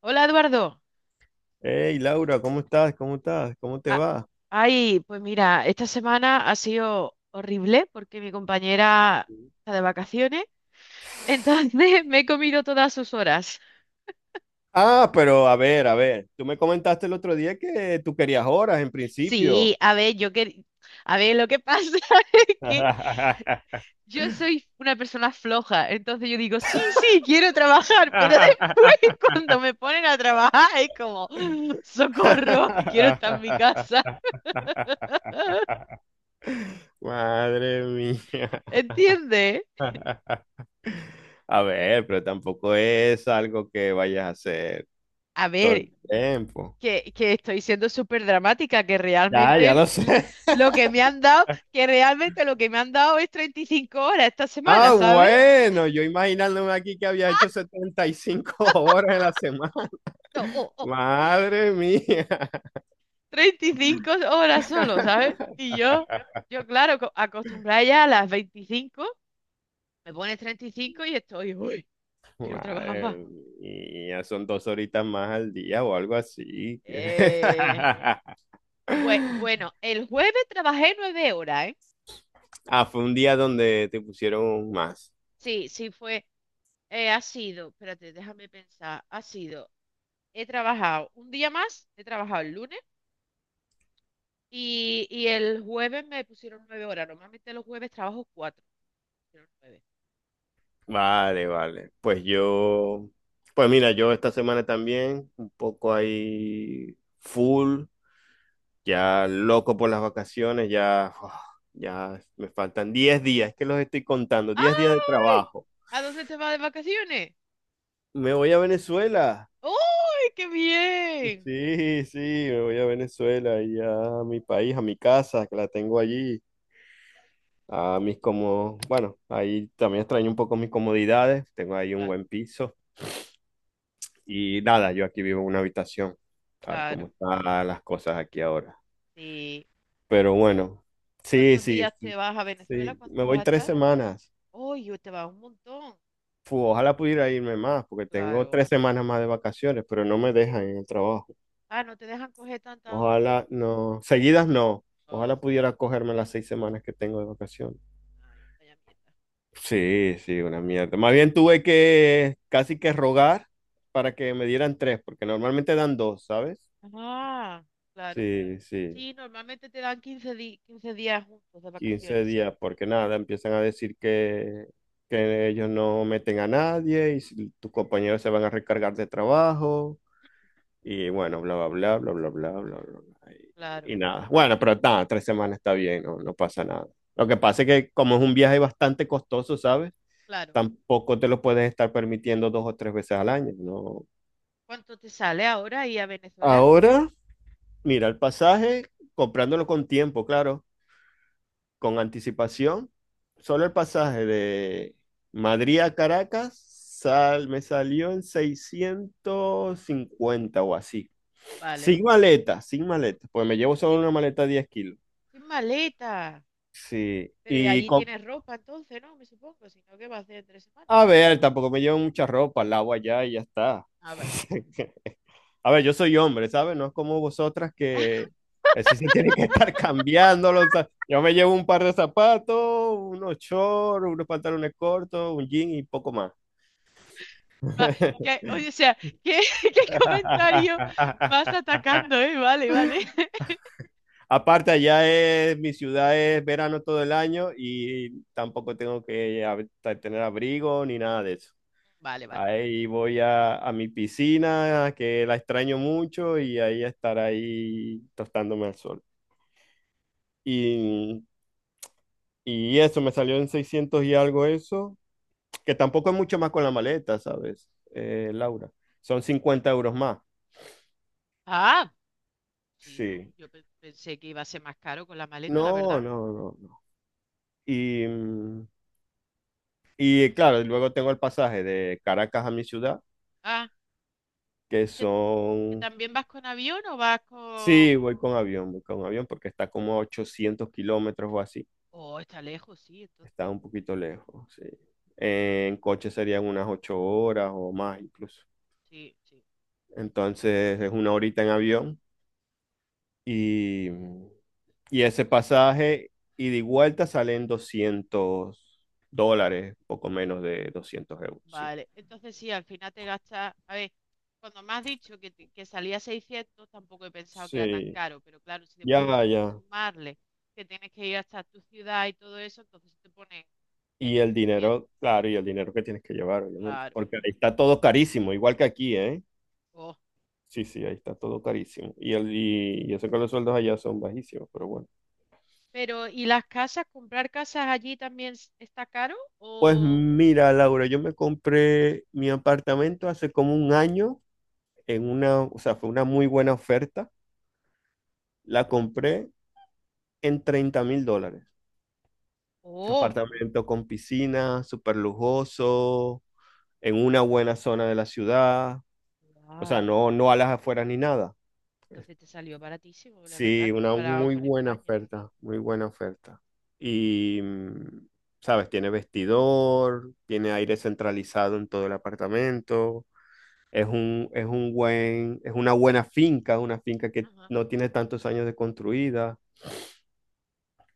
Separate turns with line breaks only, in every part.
Hola Eduardo.
Hey Laura, ¿cómo estás? ¿Cómo te
Ah,
va?
ay, pues mira, esta semana ha sido horrible porque mi compañera está de vacaciones, entonces me he comido todas sus horas.
Ah, pero a ver, tú me comentaste el otro día que tú querías horas en principio.
Sí, a ver, yo que... A ver, lo que pasa es que yo soy una persona floja, entonces yo digo, sí, sí, quiero trabajar, pero después cuando me ponen a trabajar es como, "Ah, socorro, quiero estar en mi casa",
Madre mía.
¿entiendes?
A ver, pero tampoco es algo que vayas a hacer
A
todo
ver,
el tiempo.
que estoy siendo súper dramática, que
Ya,
realmente
ya lo sé.
lo que me han dado, que realmente lo que me han dado es 35 horas esta
Ah,
semana, ¿sabes?
bueno, yo imaginándome aquí que había hecho 75 horas en la semana.
No, o
Madre mía.
35 horas solo, ¿sabes? Y yo, claro, acostumbrada ya a las 25, me pones 35 y cinco y estoy, uy, quiero trabajar más.
Madre mía, son dos horitas más al día o algo así.
Eh, bueno, el jueves trabajé 9 horas, ¿eh?
Ah, fue un día donde te pusieron más.
Sí, sí fue, ha sido, espérate, déjame pensar, ha sido, he trabajado un día más, he trabajado el lunes. Y el jueves me pusieron 9 horas. Normalmente los jueves trabajo cuatro. Me pusieron nueve.
Vale, vale. Pues mira, yo esta semana también, un poco ahí full, ya loco por las vacaciones, ya, uf, ya me faltan 10 días, es que los estoy contando, 10 días de
¡Ay!
trabajo.
¿A dónde te vas de vacaciones?
Me voy a Venezuela.
¡Uy, qué bien!
Sí, sí, me voy a Venezuela y a mi país, a mi casa, que la tengo allí, a mis como, bueno, ahí también extraño un poco mis comodidades, tengo ahí un
Claro,
buen piso y nada, yo aquí vivo en una habitación, sabes cómo
claro.
están las cosas aquí ahora.
Sí.
Pero bueno, sí,
¿Cuántos
sí,
días
sí,
te vas a Venezuela?
sí, me
¿Cuánto vas
voy
a
tres
estar?
semanas.
¡Uy, te vas un montón!
Fu, ojalá pudiera irme más, porque tengo
Claro.
3 semanas más de vacaciones, pero no me dejan en el trabajo.
Ah, no te dejan coger tanto tiempo.
Ojalá no, seguidas no.
Oh,
Ojalá pudiera cogerme las 6 semanas que tengo de vacaciones.
ay, vaya mierda.
Sí, sí, una mierda. Más bien tuve que casi que rogar para que me dieran tres, porque normalmente dan dos, ¿sabes?
Ah, claro.
Sí, sí,
Sí, normalmente te dan 15 días juntos de
15
vacaciones, sí.
días, porque nada, empiezan a decir que ellos no meten a nadie y si tus compañeros se van a recargar de trabajo. Y bueno, bla, bla, bla, bla, bla, bla, bla, bla, bla.
Claro,
Y nada. Bueno, pero está, 3 semanas está bien, no, no pasa nada. Lo que pasa es que como es un viaje bastante costoso, ¿sabes?
claro.
Tampoco te lo puedes estar permitiendo dos o tres veces al año, ¿no?
¿Cuánto te sale ahora ir a Venezuela?
Ahora, mira, el pasaje, comprándolo con tiempo, claro, con anticipación, solo el pasaje de Madrid a Caracas me salió en 650 o así.
Vale.
Sin maleta, sin maleta, pues me llevo solo
Sin,
una maleta de 10 kilos.
sin maleta.
Sí,
Pero y
y
allí
con...
tienes ropa entonces, ¿no? Me supongo. Si no, ¿qué vas a hacer en 3 semanas?
A ver, tampoco me llevo mucha ropa, lavo allá y ya está.
Ah, vale.
A ver, yo soy hombre, ¿sabes? No es como vosotras que sí se tienen que estar cambiándolos. O sea, yo me llevo un par de zapatos, unos shorts, unos pantalones cortos, un jean y poco más.
Va- oye, o sea, ¿qué, qué comentario más atacando, eh? Vale, vale.
Aparte, allá es, mi ciudad es verano todo el año y tampoco tengo que tener abrigo ni nada de eso.
Vale, vale.
Ahí voy a mi piscina, que la extraño mucho, y ahí estar ahí tostándome al sol. Y, y eso, me salió en 600 y algo eso, que tampoco es mucho más con la maleta, ¿sabes, Laura? Son 50 euros más.
Ah, sí, no.
Sí.
Yo pensé que iba a ser más caro con la maleta, la
No,
verdad.
no, no, no. Y, mm, y claro, luego tengo el pasaje de Caracas a mi ciudad
Ah,
que
¿que, que
son...
también vas con avión o vas con...?
Sí, voy con avión porque está como a 800 kilómetros o así.
Oh, está lejos, sí,
Está
entonces.
un poquito lejos, sí. En coche serían unas 8 horas o más incluso.
Sí, sí.
Entonces es una horita en avión y, y ese pasaje ida y vuelta salen 200 dólares, poco menos de 200 euros, sí.
Vale, entonces sí, al final te gastas, a ver, cuando me has dicho que, que salía 600 tampoco he pensado que era tan
Sí,
caro, pero claro, si después
ya,
tienes que
ya.
sumarle, que tienes que ir hasta tu ciudad y todo eso, entonces te pone en
Y el
ochocientos.
dinero, claro, y el dinero que tienes que llevar, obviamente,
Claro.
porque ahí está todo carísimo, igual que aquí, ¿eh?
Oh.
Sí, sí, ahí está todo carísimo. Y eso que los sueldos allá son bajísimos, pero bueno.
Pero, ¿y las casas? ¿Comprar casas allí también está caro?
Pues
O...
mira, Laura, yo me compré mi apartamento hace como un año o sea, fue una muy buena oferta. La compré en 30.000 dólares.
Oh,
Apartamento con piscina, súper lujoso, en una buena zona de la ciudad. O sea,
guau.
no, no a las afueras ni nada.
Entonces te salió baratísimo, la verdad,
Sí, una
comparado
muy
con
buena
España, sí.
oferta, muy buena oferta. Y, sabes, tiene vestidor, tiene aire centralizado en todo el apartamento. Es una buena finca, una finca que
Ajá.
no tiene tantos años de construida.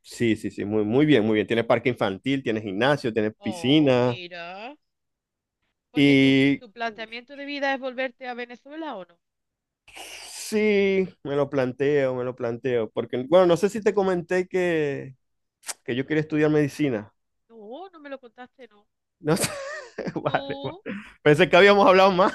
Sí, sí, sí, muy, muy bien, muy bien. Tiene parque infantil, tiene gimnasio, tiene
Oh,
piscina.
mira. Porque tu,
Y
planteamiento de vida es volverte a Venezuela o no.
sí, me lo planteo, me lo planteo. Porque, bueno, no sé si te comenté que yo quería estudiar medicina.
No, no me lo contaste, no.
No sé. Vale, vale.
No.
Pensé que habíamos hablado más.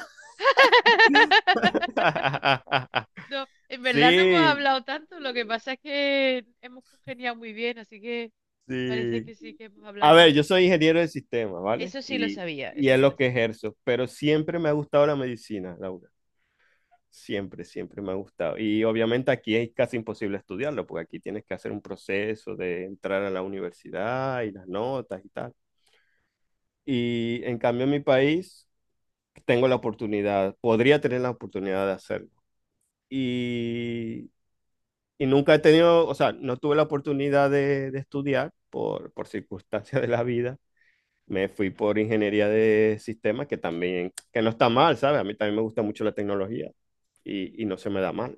No, en verdad no hemos
Sí,
hablado tanto, lo que pasa es que hemos congeniado muy bien, así que parece
sí.
que sí que hemos
A
hablado
ver,
más.
yo soy ingeniero de sistemas, ¿vale?
Eso sí lo
Y,
sabía,
y
eso
es
sí lo
lo que
sabía.
ejerzo, pero siempre me ha gustado la medicina, Laura. Siempre, siempre me ha gustado. Y obviamente aquí es casi imposible estudiarlo, porque aquí tienes que hacer un proceso de entrar a la universidad y las notas y tal. Y en cambio en mi país tengo la oportunidad, podría tener la oportunidad de hacerlo. Y y nunca he tenido, o sea, no tuve la oportunidad de estudiar por circunstancias de la vida. Me fui por ingeniería de sistemas, que también, que no está mal, ¿sabes? A mí también me gusta mucho la tecnología y no se me da mal.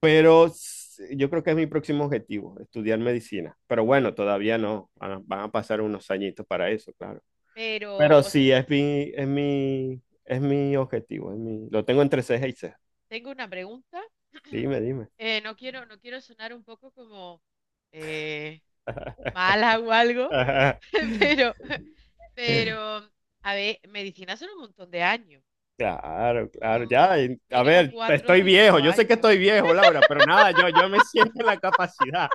Pero yo creo que es mi próximo objetivo, estudiar medicina. Pero bueno, todavía no, van a pasar unos añitos para eso, claro.
Pero
Pero
os
sí, es mi objetivo, lo tengo entre ceja y ceja.
tengo una pregunta.
Dime, dime.
No quiero, no quiero sonar un poco como eh, mala o algo, pero, pero, a ver, medicina son un montón de años.
Claro, claro,
Son
ya. A
mínimo
ver,
cuatro o
estoy viejo,
cinco
yo sé que
años.
estoy viejo, Laura, pero nada, yo me siento en la capacidad,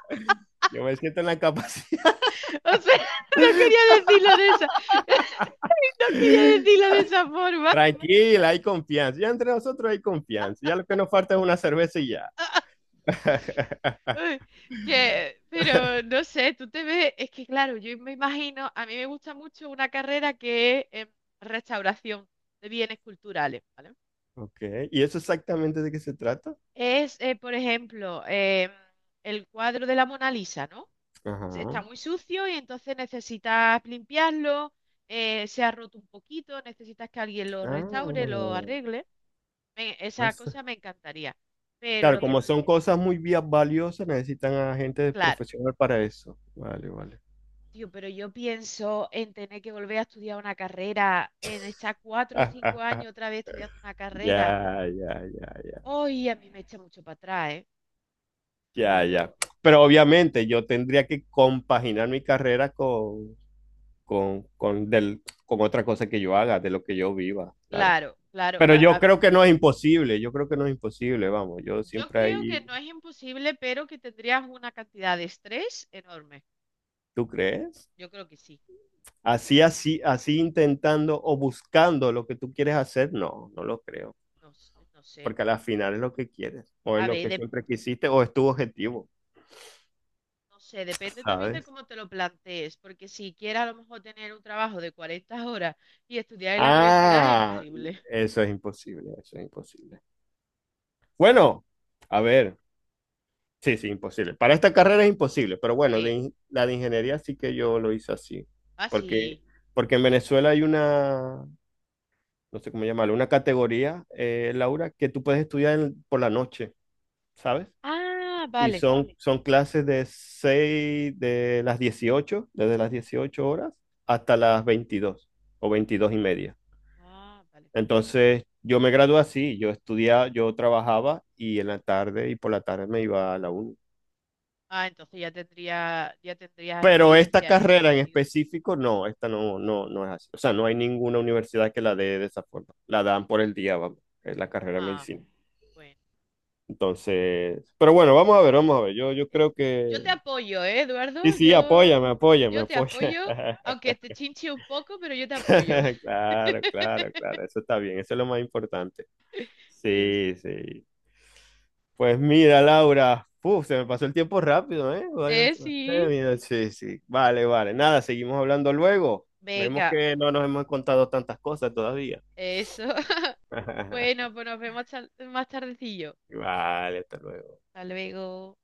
yo me siento en la capacidad.
O sea, no quería decirlo de esa, no quería decirlo de esa forma.
Tranquila, hay confianza, ya entre nosotros hay confianza, ya lo que nos falta es una cerveza y ya.
Uy. Que, pero no sé, tú te ves, es que claro, yo me imagino, a mí me gusta mucho una carrera que es restauración de bienes culturales, ¿vale?
Ok, ¿y eso exactamente de qué se trata?
Es, por ejemplo, el cuadro de la Mona Lisa, ¿no? Está
Ajá.
muy sucio y entonces necesitas limpiarlo, se ha roto un poquito, necesitas que alguien lo restaure, lo
Ah,
arregle. Me-
no
esa
sé.
cosa me encantaría. Pero
Claro,
lo que,
como son cosas muy valiosas, necesitan a gente
claro,
profesional para eso. Vale, vale.
tío, pero yo pienso en tener que volver a estudiar una carrera, en estar cuatro o
Ah,
cinco
ah,
años otra vez estudiando una carrera.
ya, ya, ya, ya.
Hoy a mí me echa mucho para atrás, ¿eh? Que
Ya, ya.
digo,
Pero obviamente yo tendría que compaginar mi carrera con otra cosa que yo haga, de lo que yo viva, claro.
claro, claro.
Pero
a-
yo
a-
creo que no es imposible, yo creo que no es imposible, vamos, yo
yo
siempre
creo que
ahí,
no es imposible, pero que tendrías una cantidad de estrés enorme.
¿tú crees?
Yo creo que sí.
Así, así, así intentando o buscando lo que tú quieres hacer, no, no lo creo,
No, no sé.
porque al final es lo que quieres, o es
A
lo
ver,
que siempre quisiste, o es tu objetivo,
no sé, depende también de
¿sabes?
cómo te lo plantees, porque si quieres a lo mejor tener un trabajo de 40 horas y estudiar en la universidad es
Ah,
imposible.
eso es imposible, eso es imposible. Bueno, a ver. Sí, sí, imposible. Para esta carrera es imposible, pero bueno,
Sí.
la de ingeniería sí que yo lo hice así,
Ah,
porque,
sí.
porque en Venezuela hay una, no sé cómo llamarlo, una categoría, Laura, que tú puedes estudiar por la noche, ¿sabes?
Ah,
Y
vale.
son clases de las 18 desde las 18:00 hasta las 22 o 22:30.
Ah, vale.
Entonces, yo me gradué así, yo estudiaba, yo trabajaba y en la tarde y por la tarde me iba a la uni.
Ah, entonces ya tendría, ya tendrías
Pero esta
experiencia en ese
carrera en
sentido.
específico, no, esta no, no, no es así. O sea, no hay ninguna universidad que la dé de esa forma. La dan por el día, vamos, es la carrera de
Ah,
medicina.
bueno.
Entonces, pero bueno, vamos a ver, vamos a ver. Yo
Es...
creo
Yo
que...
te apoyo, ¿eh,
Sí,
Eduardo?
sí,
Yo,
apóyame, apóyame,
te
apóyame.
apoyo, aunque te chinche un poco, pero yo te apoyo.
Claro, claro, claro. Eso está bien, eso es lo más importante.
Es...
Sí, sí. Pues mira, Laura, uf, se me pasó el tiempo rápido, ¿eh?
Sí.
Mira, sí, sí, vale, vale. Nada, seguimos hablando luego. Vemos
Venga,
que no nos hemos contado tantas cosas todavía.
eso. Bueno, pues nos vemos más tardecillo.
Vale, hasta luego.
Hasta luego.